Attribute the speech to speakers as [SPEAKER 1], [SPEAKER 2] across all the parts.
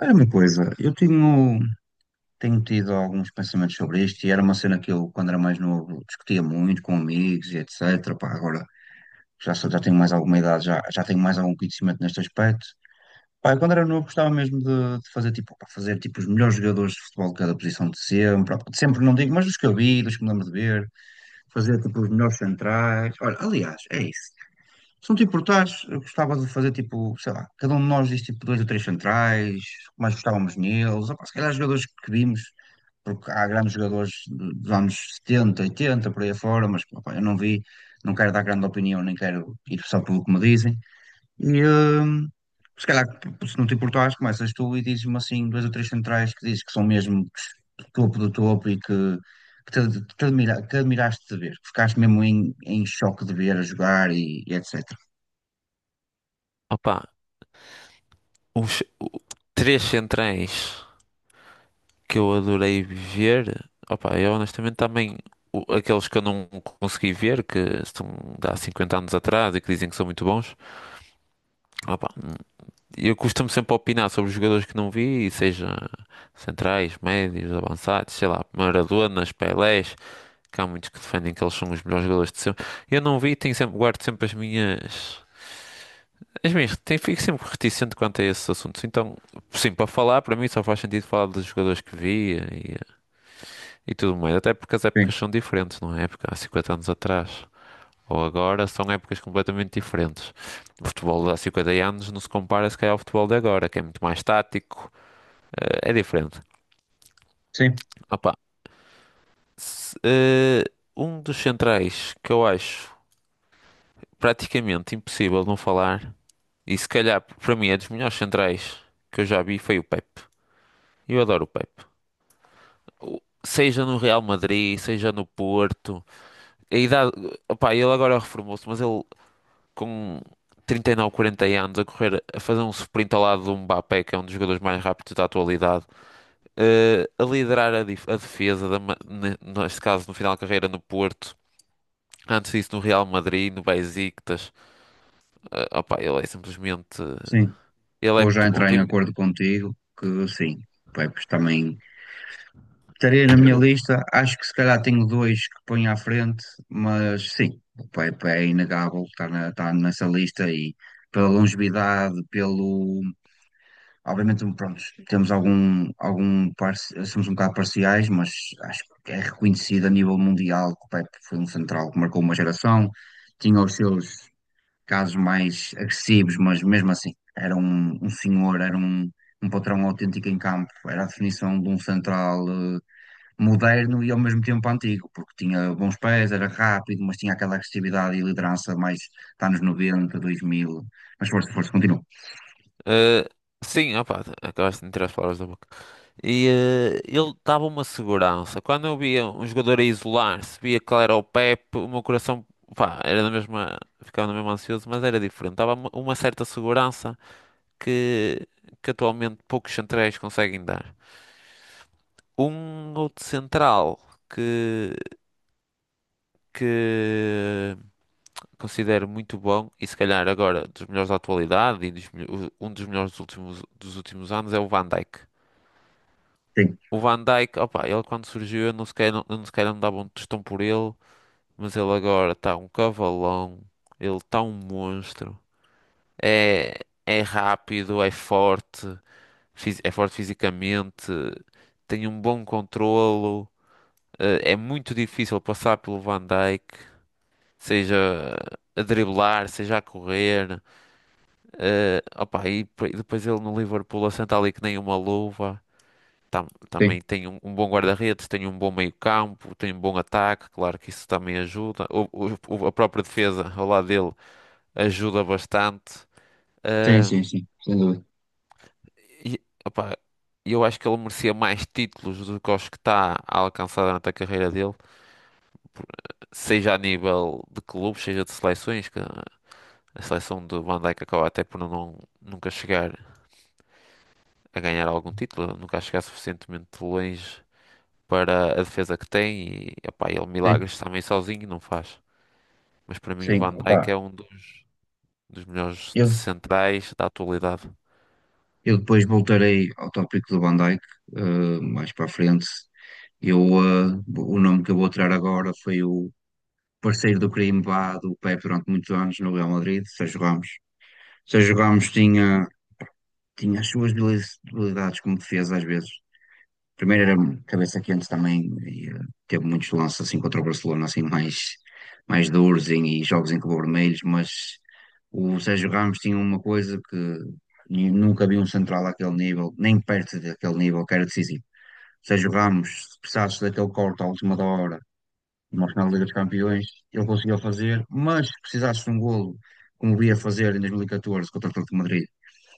[SPEAKER 1] Era uma coisa, eu tenho tido alguns pensamentos sobre isto e era uma cena que eu, quando era mais novo, discutia muito com amigos e etc. Pá, agora já tenho mais alguma idade, já tenho mais algum conhecimento neste aspecto. Pá, eu, quando era novo gostava mesmo de fazer, tipo, pá, fazer tipo, os melhores jogadores de futebol de cada posição de sempre não digo, mas dos que eu vi, dos que me lembro de ver, fazer tipo, os melhores centrais. Olha, aliás, é isso. Se não te importares, eu gostava de fazer tipo, sei lá, cada um de nós diz tipo dois ou três centrais, que mais gostávamos neles, opá, se calhar jogadores que vimos, porque há grandes jogadores dos anos 70, 80 por aí afora, mas opá, eu não vi, não quero dar grande opinião, nem quero ir só pelo que me dizem. E hum, se calhar, Se não te importares, começas tu e dizes-me assim dois ou três centrais que dizes que são mesmo topo do topo e que. Que admiraste de ver, que ficaste mesmo em choque de ver a jogar e etc.
[SPEAKER 2] Opa, os o- três centrais que eu adorei ver. Opa, eu honestamente também. Aqueles que eu não consegui ver, que estão de há 50 anos atrás e que dizem que são muito bons. Opa, eu costumo sempre opinar sobre os jogadores que não vi, seja centrais, médios, avançados, sei lá, Maradonas, Pelés, que há muitos que defendem que eles são os melhores jogadores de sempre. Eu não vi, tenho sempre, guardo sempre as minhas. Mas mesmo, tem, fico sempre reticente quanto a esses assuntos. Então, sim, para falar, para mim só faz sentido falar dos jogadores que via e tudo mais. Até porque as
[SPEAKER 1] Sim,
[SPEAKER 2] épocas são diferentes, não é? Época há 50 anos atrás ou agora são épocas completamente diferentes. O futebol de há 50 anos não se compara se calhar ao futebol de agora, que é muito mais tático, é diferente.
[SPEAKER 1] sim,
[SPEAKER 2] Opa, se- eh, um dos centrais que eu acho praticamente impossível não falar, e se calhar para mim é dos melhores centrais que eu já vi, foi o Pepe. Eu adoro o Pepe. Seja no Real Madrid, seja no Porto. A idade, opá, ele agora reformou-se, mas ele com 39, 40 anos a correr, a fazer um sprint ao lado do Mbappé, que é um dos jogadores mais rápidos da atualidade, a liderar a defesa, neste caso no final da carreira no Porto. Antes disso, no Real Madrid, no Besiktas, opá, ele é simplesmente.
[SPEAKER 1] sim.
[SPEAKER 2] Ele é
[SPEAKER 1] Vou já
[SPEAKER 2] muito bom.
[SPEAKER 1] entrar em
[SPEAKER 2] Tem,
[SPEAKER 1] acordo contigo que sim, Pepe também estaria na minha lista. Acho que se calhar tenho dois que ponho à frente, mas sim, o Pepe é inegável, está nessa lista e pela longevidade, pelo. Obviamente, pronto, temos somos um bocado parciais, mas acho que é reconhecido a nível mundial que o Pepe foi um central que marcou uma geração, tinha os seus casos mais agressivos, mas mesmo assim, um senhor, um patrão autêntico em campo, era a definição de um central moderno e ao mesmo tempo antigo, porque tinha bons pés, era rápido, mas tinha aquela agressividade e liderança mais dos anos 90, 2000. Mas força, continua.
[SPEAKER 2] eh, sim, opá, acabaste de me tirar as palavras da boca. E ele dava uma segurança. Quando eu via um jogador a isolar-se, via que ele era o Pepe, o meu coração, pá, era na mesma, ficava na mesma ansioso, mas era diferente. Dava uma certa segurança que, que atualmente poucos centrais conseguem dar. Um outro central que, que considero muito bom, e se calhar agora dos melhores da atualidade e um dos melhores dos últimos anos, é o Van Dijk.
[SPEAKER 1] Sim,
[SPEAKER 2] O Van Dijk, opa, ele quando surgiu, eu não sequer me dava um tostão por ele, mas ele agora está um cavalão, ele está um monstro. É, é rápido, é forte, é forte fisicamente, tem um bom controlo, é muito difícil passar pelo Van Dijk, seja a driblar, seja a correr. E depois ele no Liverpool assenta ali que nem uma luva.
[SPEAKER 1] sim,
[SPEAKER 2] Também tem um, um bom guarda-redes, tem um bom meio-campo, tem um bom ataque, claro que isso também ajuda. A própria defesa ao lado dele ajuda bastante.
[SPEAKER 1] sim,
[SPEAKER 2] Ah,
[SPEAKER 1] sim, sim, sem dúvida.
[SPEAKER 2] e, opá, eu acho que ele merecia mais títulos do que os que está a alcançar durante a carreira dele, por- seja a nível de clubes, seja de seleções, que a seleção de Van Dijk acaba até por não, nunca chegar a ganhar algum título, nunca chegar suficientemente longe para a defesa que tem e epá, ele
[SPEAKER 1] Sim,
[SPEAKER 2] milagres também sozinho não faz. Mas para mim o
[SPEAKER 1] sim,
[SPEAKER 2] Van Dijk
[SPEAKER 1] opá.
[SPEAKER 2] é um dos, dos melhores
[SPEAKER 1] Eu,
[SPEAKER 2] centrais da atualidade.
[SPEAKER 1] eu depois voltarei ao tópico do Van Dijk, mais para a frente. O nome que eu vou tirar agora foi o por sair do crimbá do Pepe durante muitos anos no Real Madrid, Sérgio Ramos. Sérgio Ramos tinha as suas habilidades como defesa às vezes. Primeiro era cabeça quente também e teve muitos lances assim contra o Barcelona mais duros e jogos em que levou vermelhos, mas o Sérgio Ramos tinha uma coisa que nunca vi um central àquele nível, nem perto daquele nível, que era decisivo. Sérgio Ramos, se precisasse daquele corte à última hora uma final da Liga dos Campeões, ele conseguiu fazer, mas se precisasse de um golo, como o ia fazer em 2014 contra o Atlético de Madrid,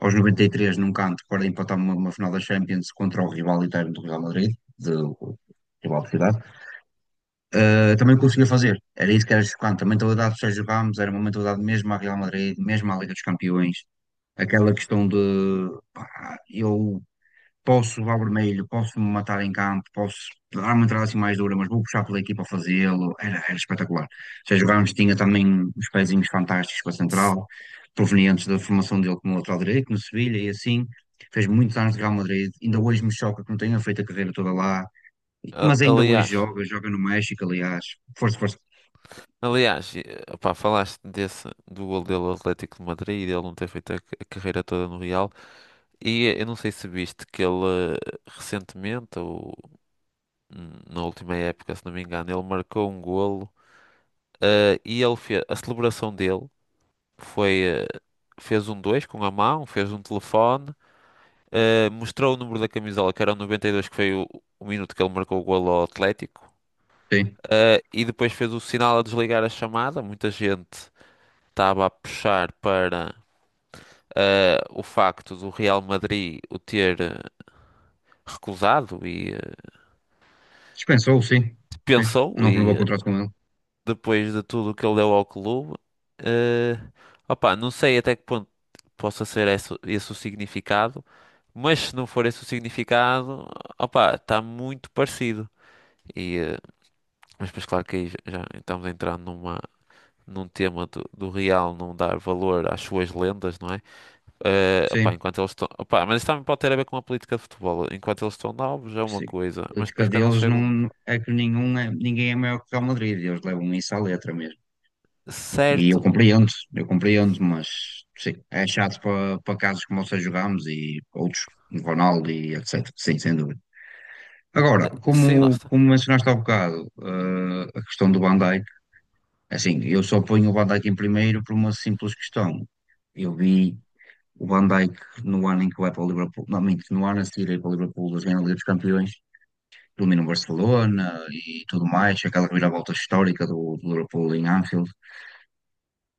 [SPEAKER 1] aos 93 num canto para empatar uma final da Champions contra o rival interno do Real Madrid, o rival de cidade, também conseguia fazer. Era isso que era chocante. A mentalidade do Sérgio Ramos era uma mentalidade mesmo à Real Madrid, mesmo à Liga dos Campeões. Aquela questão de pá, eu posso levar vermelho, posso me matar em campo, posso dar uma entrada assim mais dura, mas vou puxar pela equipa a fazê-lo. Era espetacular. Já jogámos, tinha também os pezinhos fantásticos para a
[SPEAKER 2] Se-
[SPEAKER 1] central, provenientes da formação dele como lateral direito no Sevilha e assim. Fez muitos anos de Real Madrid, ainda hoje me choca que não tenha feito a carreira toda lá, mas ainda hoje
[SPEAKER 2] Aliás,
[SPEAKER 1] joga, joga no México, aliás. Força, força.
[SPEAKER 2] aliás, e, epá, falaste desse, do gol dele ao Atlético de Madrid e dele não ter feito a, a carreira toda no Real. E eu não sei se viste que ele recentemente, ou na última época, se não me engano, ele marcou um golo e ele fez, a celebração dele foi, fez um dois com a mão, fez um telefone. Mostrou o número da camisola, que era o 92 que foi o minuto que ele marcou o golo ao Atlético.
[SPEAKER 1] Sim.
[SPEAKER 2] E depois fez o sinal a desligar a chamada. Muita gente estava a puxar para o facto do Real Madrid o ter recusado e
[SPEAKER 1] Dispensou, sim. Sim.
[SPEAKER 2] pensou.
[SPEAKER 1] Não renovou
[SPEAKER 2] E
[SPEAKER 1] o contrato com ele.
[SPEAKER 2] depois de tudo o que ele deu ao clube, uh, opá, não sei até que ponto possa ser esse, esse o significado. Mas se não for esse o significado, opá, está muito parecido. e eh, Mas depois, claro que aí já estamos a entrar numa, num tema do, do real não dar valor às suas lendas, não é? Opá,
[SPEAKER 1] Sim.
[SPEAKER 2] enquanto eles estão. Opá, mas isso também pode ter a ver com a política de futebol. Enquanto eles estão novos é uma
[SPEAKER 1] Sim. A
[SPEAKER 2] coisa, mas
[SPEAKER 1] política
[SPEAKER 2] depois quando eles
[SPEAKER 1] deles
[SPEAKER 2] chegam.
[SPEAKER 1] não é que ninguém é maior que o Real Madrid, eles levam isso à letra mesmo.
[SPEAKER 2] Certo.
[SPEAKER 1] Eu compreendo, mas sim, é chato para casos como o Sérgio Ramos e outros, o Ronaldo e etc. Sim, sem dúvida. Agora,
[SPEAKER 2] Sim, lá está.
[SPEAKER 1] como mencionaste há bocado, a questão do Van Dijk, é assim, eu só ponho o Van Dijk em primeiro por uma simples questão. Eu vi o Van Dijk no ano em que vai para o Liverpool, não, minto, no ano a seguir a ir para o Liverpool, das Liga dos Campeões, domina o Barcelona e tudo mais, aquela reviravolta histórica do Liverpool em Anfield.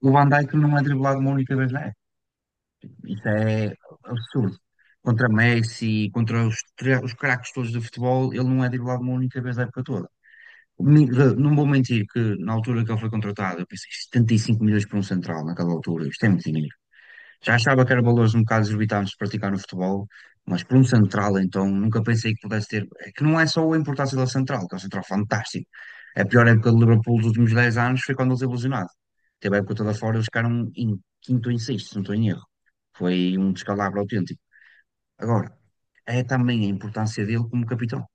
[SPEAKER 1] O Van Dijk não é driblado uma única vez na época. Isso é absurdo. Contra Messi, contra os craques todos do futebol, ele não é driblado uma única vez na época toda. Não vou mentir que na altura que ele foi contratado, eu pensei 75 milhões por um central naquela altura, isto é muito dinheiro. Já achava que eram valores um bocado exorbitantes de praticar no futebol, mas por um central, então, nunca pensei que pudesse ter. É que não é só a importância da central, que é um central fantástico. A pior época do Liverpool dos últimos 10 anos foi quando eles ilusionaram. Teve a época toda fora, eles ficaram em quinto ou em sexto, se não estou em erro. Foi um descalabro autêntico. Agora, é também a importância dele como capitão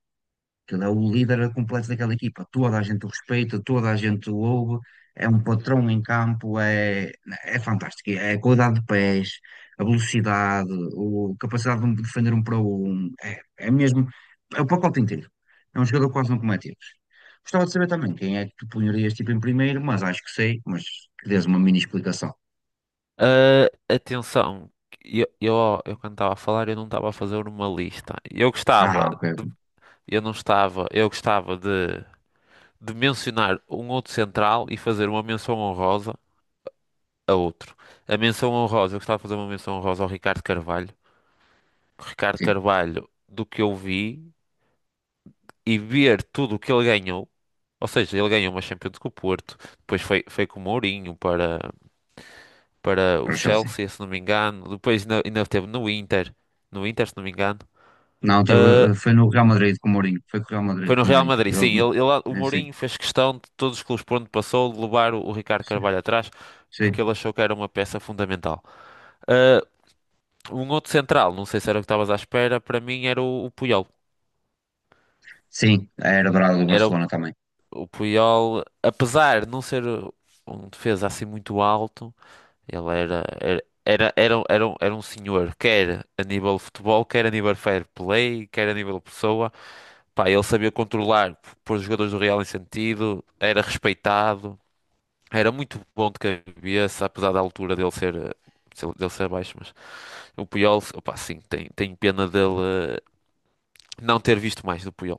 [SPEAKER 1] que ele é o líder é completo daquela equipa. Toda a gente o respeita, toda a gente o ouve, é um patrão em campo, é fantástico. É a qualidade de pés, a velocidade, a capacidade de defender um para um, é mesmo, é o pacote inteiro. É um jogador que quase não comete erros. Gostava de saber também quem é que tu punharias tipo em primeiro, mas acho que sei, mas que dês uma mini explicação.
[SPEAKER 2] Ah, Atenção, eu, eu, eu quando estava a falar, eu não estava a fazer uma lista.
[SPEAKER 1] Ah, ok, ok.
[SPEAKER 2] De, eu não estava, eu gostava de mencionar um outro central e fazer uma menção honrosa a outro. A menção honrosa, eu gostava de fazer uma menção honrosa ao Ricardo Carvalho. O Ricardo
[SPEAKER 1] Sim,
[SPEAKER 2] Carvalho, do que eu vi e ver tudo o que ele ganhou, ou seja, ele ganhou uma Champions com o Porto, depois foi, foi com o Mourinho para, para o
[SPEAKER 1] para o Chelsea.
[SPEAKER 2] Chelsea, se não me engano, depois ainda, ainda teve no Inter, no Inter, se não me engano.
[SPEAKER 1] Não,
[SPEAKER 2] Ah,
[SPEAKER 1] teve, foi no Real Madrid com o Mourinho, foi com o Real Madrid
[SPEAKER 2] Foi no
[SPEAKER 1] com o
[SPEAKER 2] Real
[SPEAKER 1] Mourinho.
[SPEAKER 2] Madrid, sim, o
[SPEAKER 1] Sim,
[SPEAKER 2] Mourinho fez questão de todos os clubes por onde passou, de levar o Ricardo
[SPEAKER 1] sim,
[SPEAKER 2] Carvalho atrás, porque
[SPEAKER 1] sim.
[SPEAKER 2] ele achou que era uma peça fundamental. Ah, Um outro central, não sei se era o que estavas à espera, para mim era o Puyol.
[SPEAKER 1] Sim, a era dourada do
[SPEAKER 2] Era
[SPEAKER 1] Barcelona também.
[SPEAKER 2] o Puyol, apesar de não ser um defesa assim muito alto, ele era, era um senhor, quer a nível de futebol, quer a nível fair play, quer a nível de pessoa. Pá, ele sabia controlar, pôr os jogadores do Real em sentido, era respeitado, era muito bom de cabeça, apesar da altura dele ser, dele ser baixo, mas o Puyol, opá, sim, tem, tem pena dele eh, não ter visto mais do Puyol.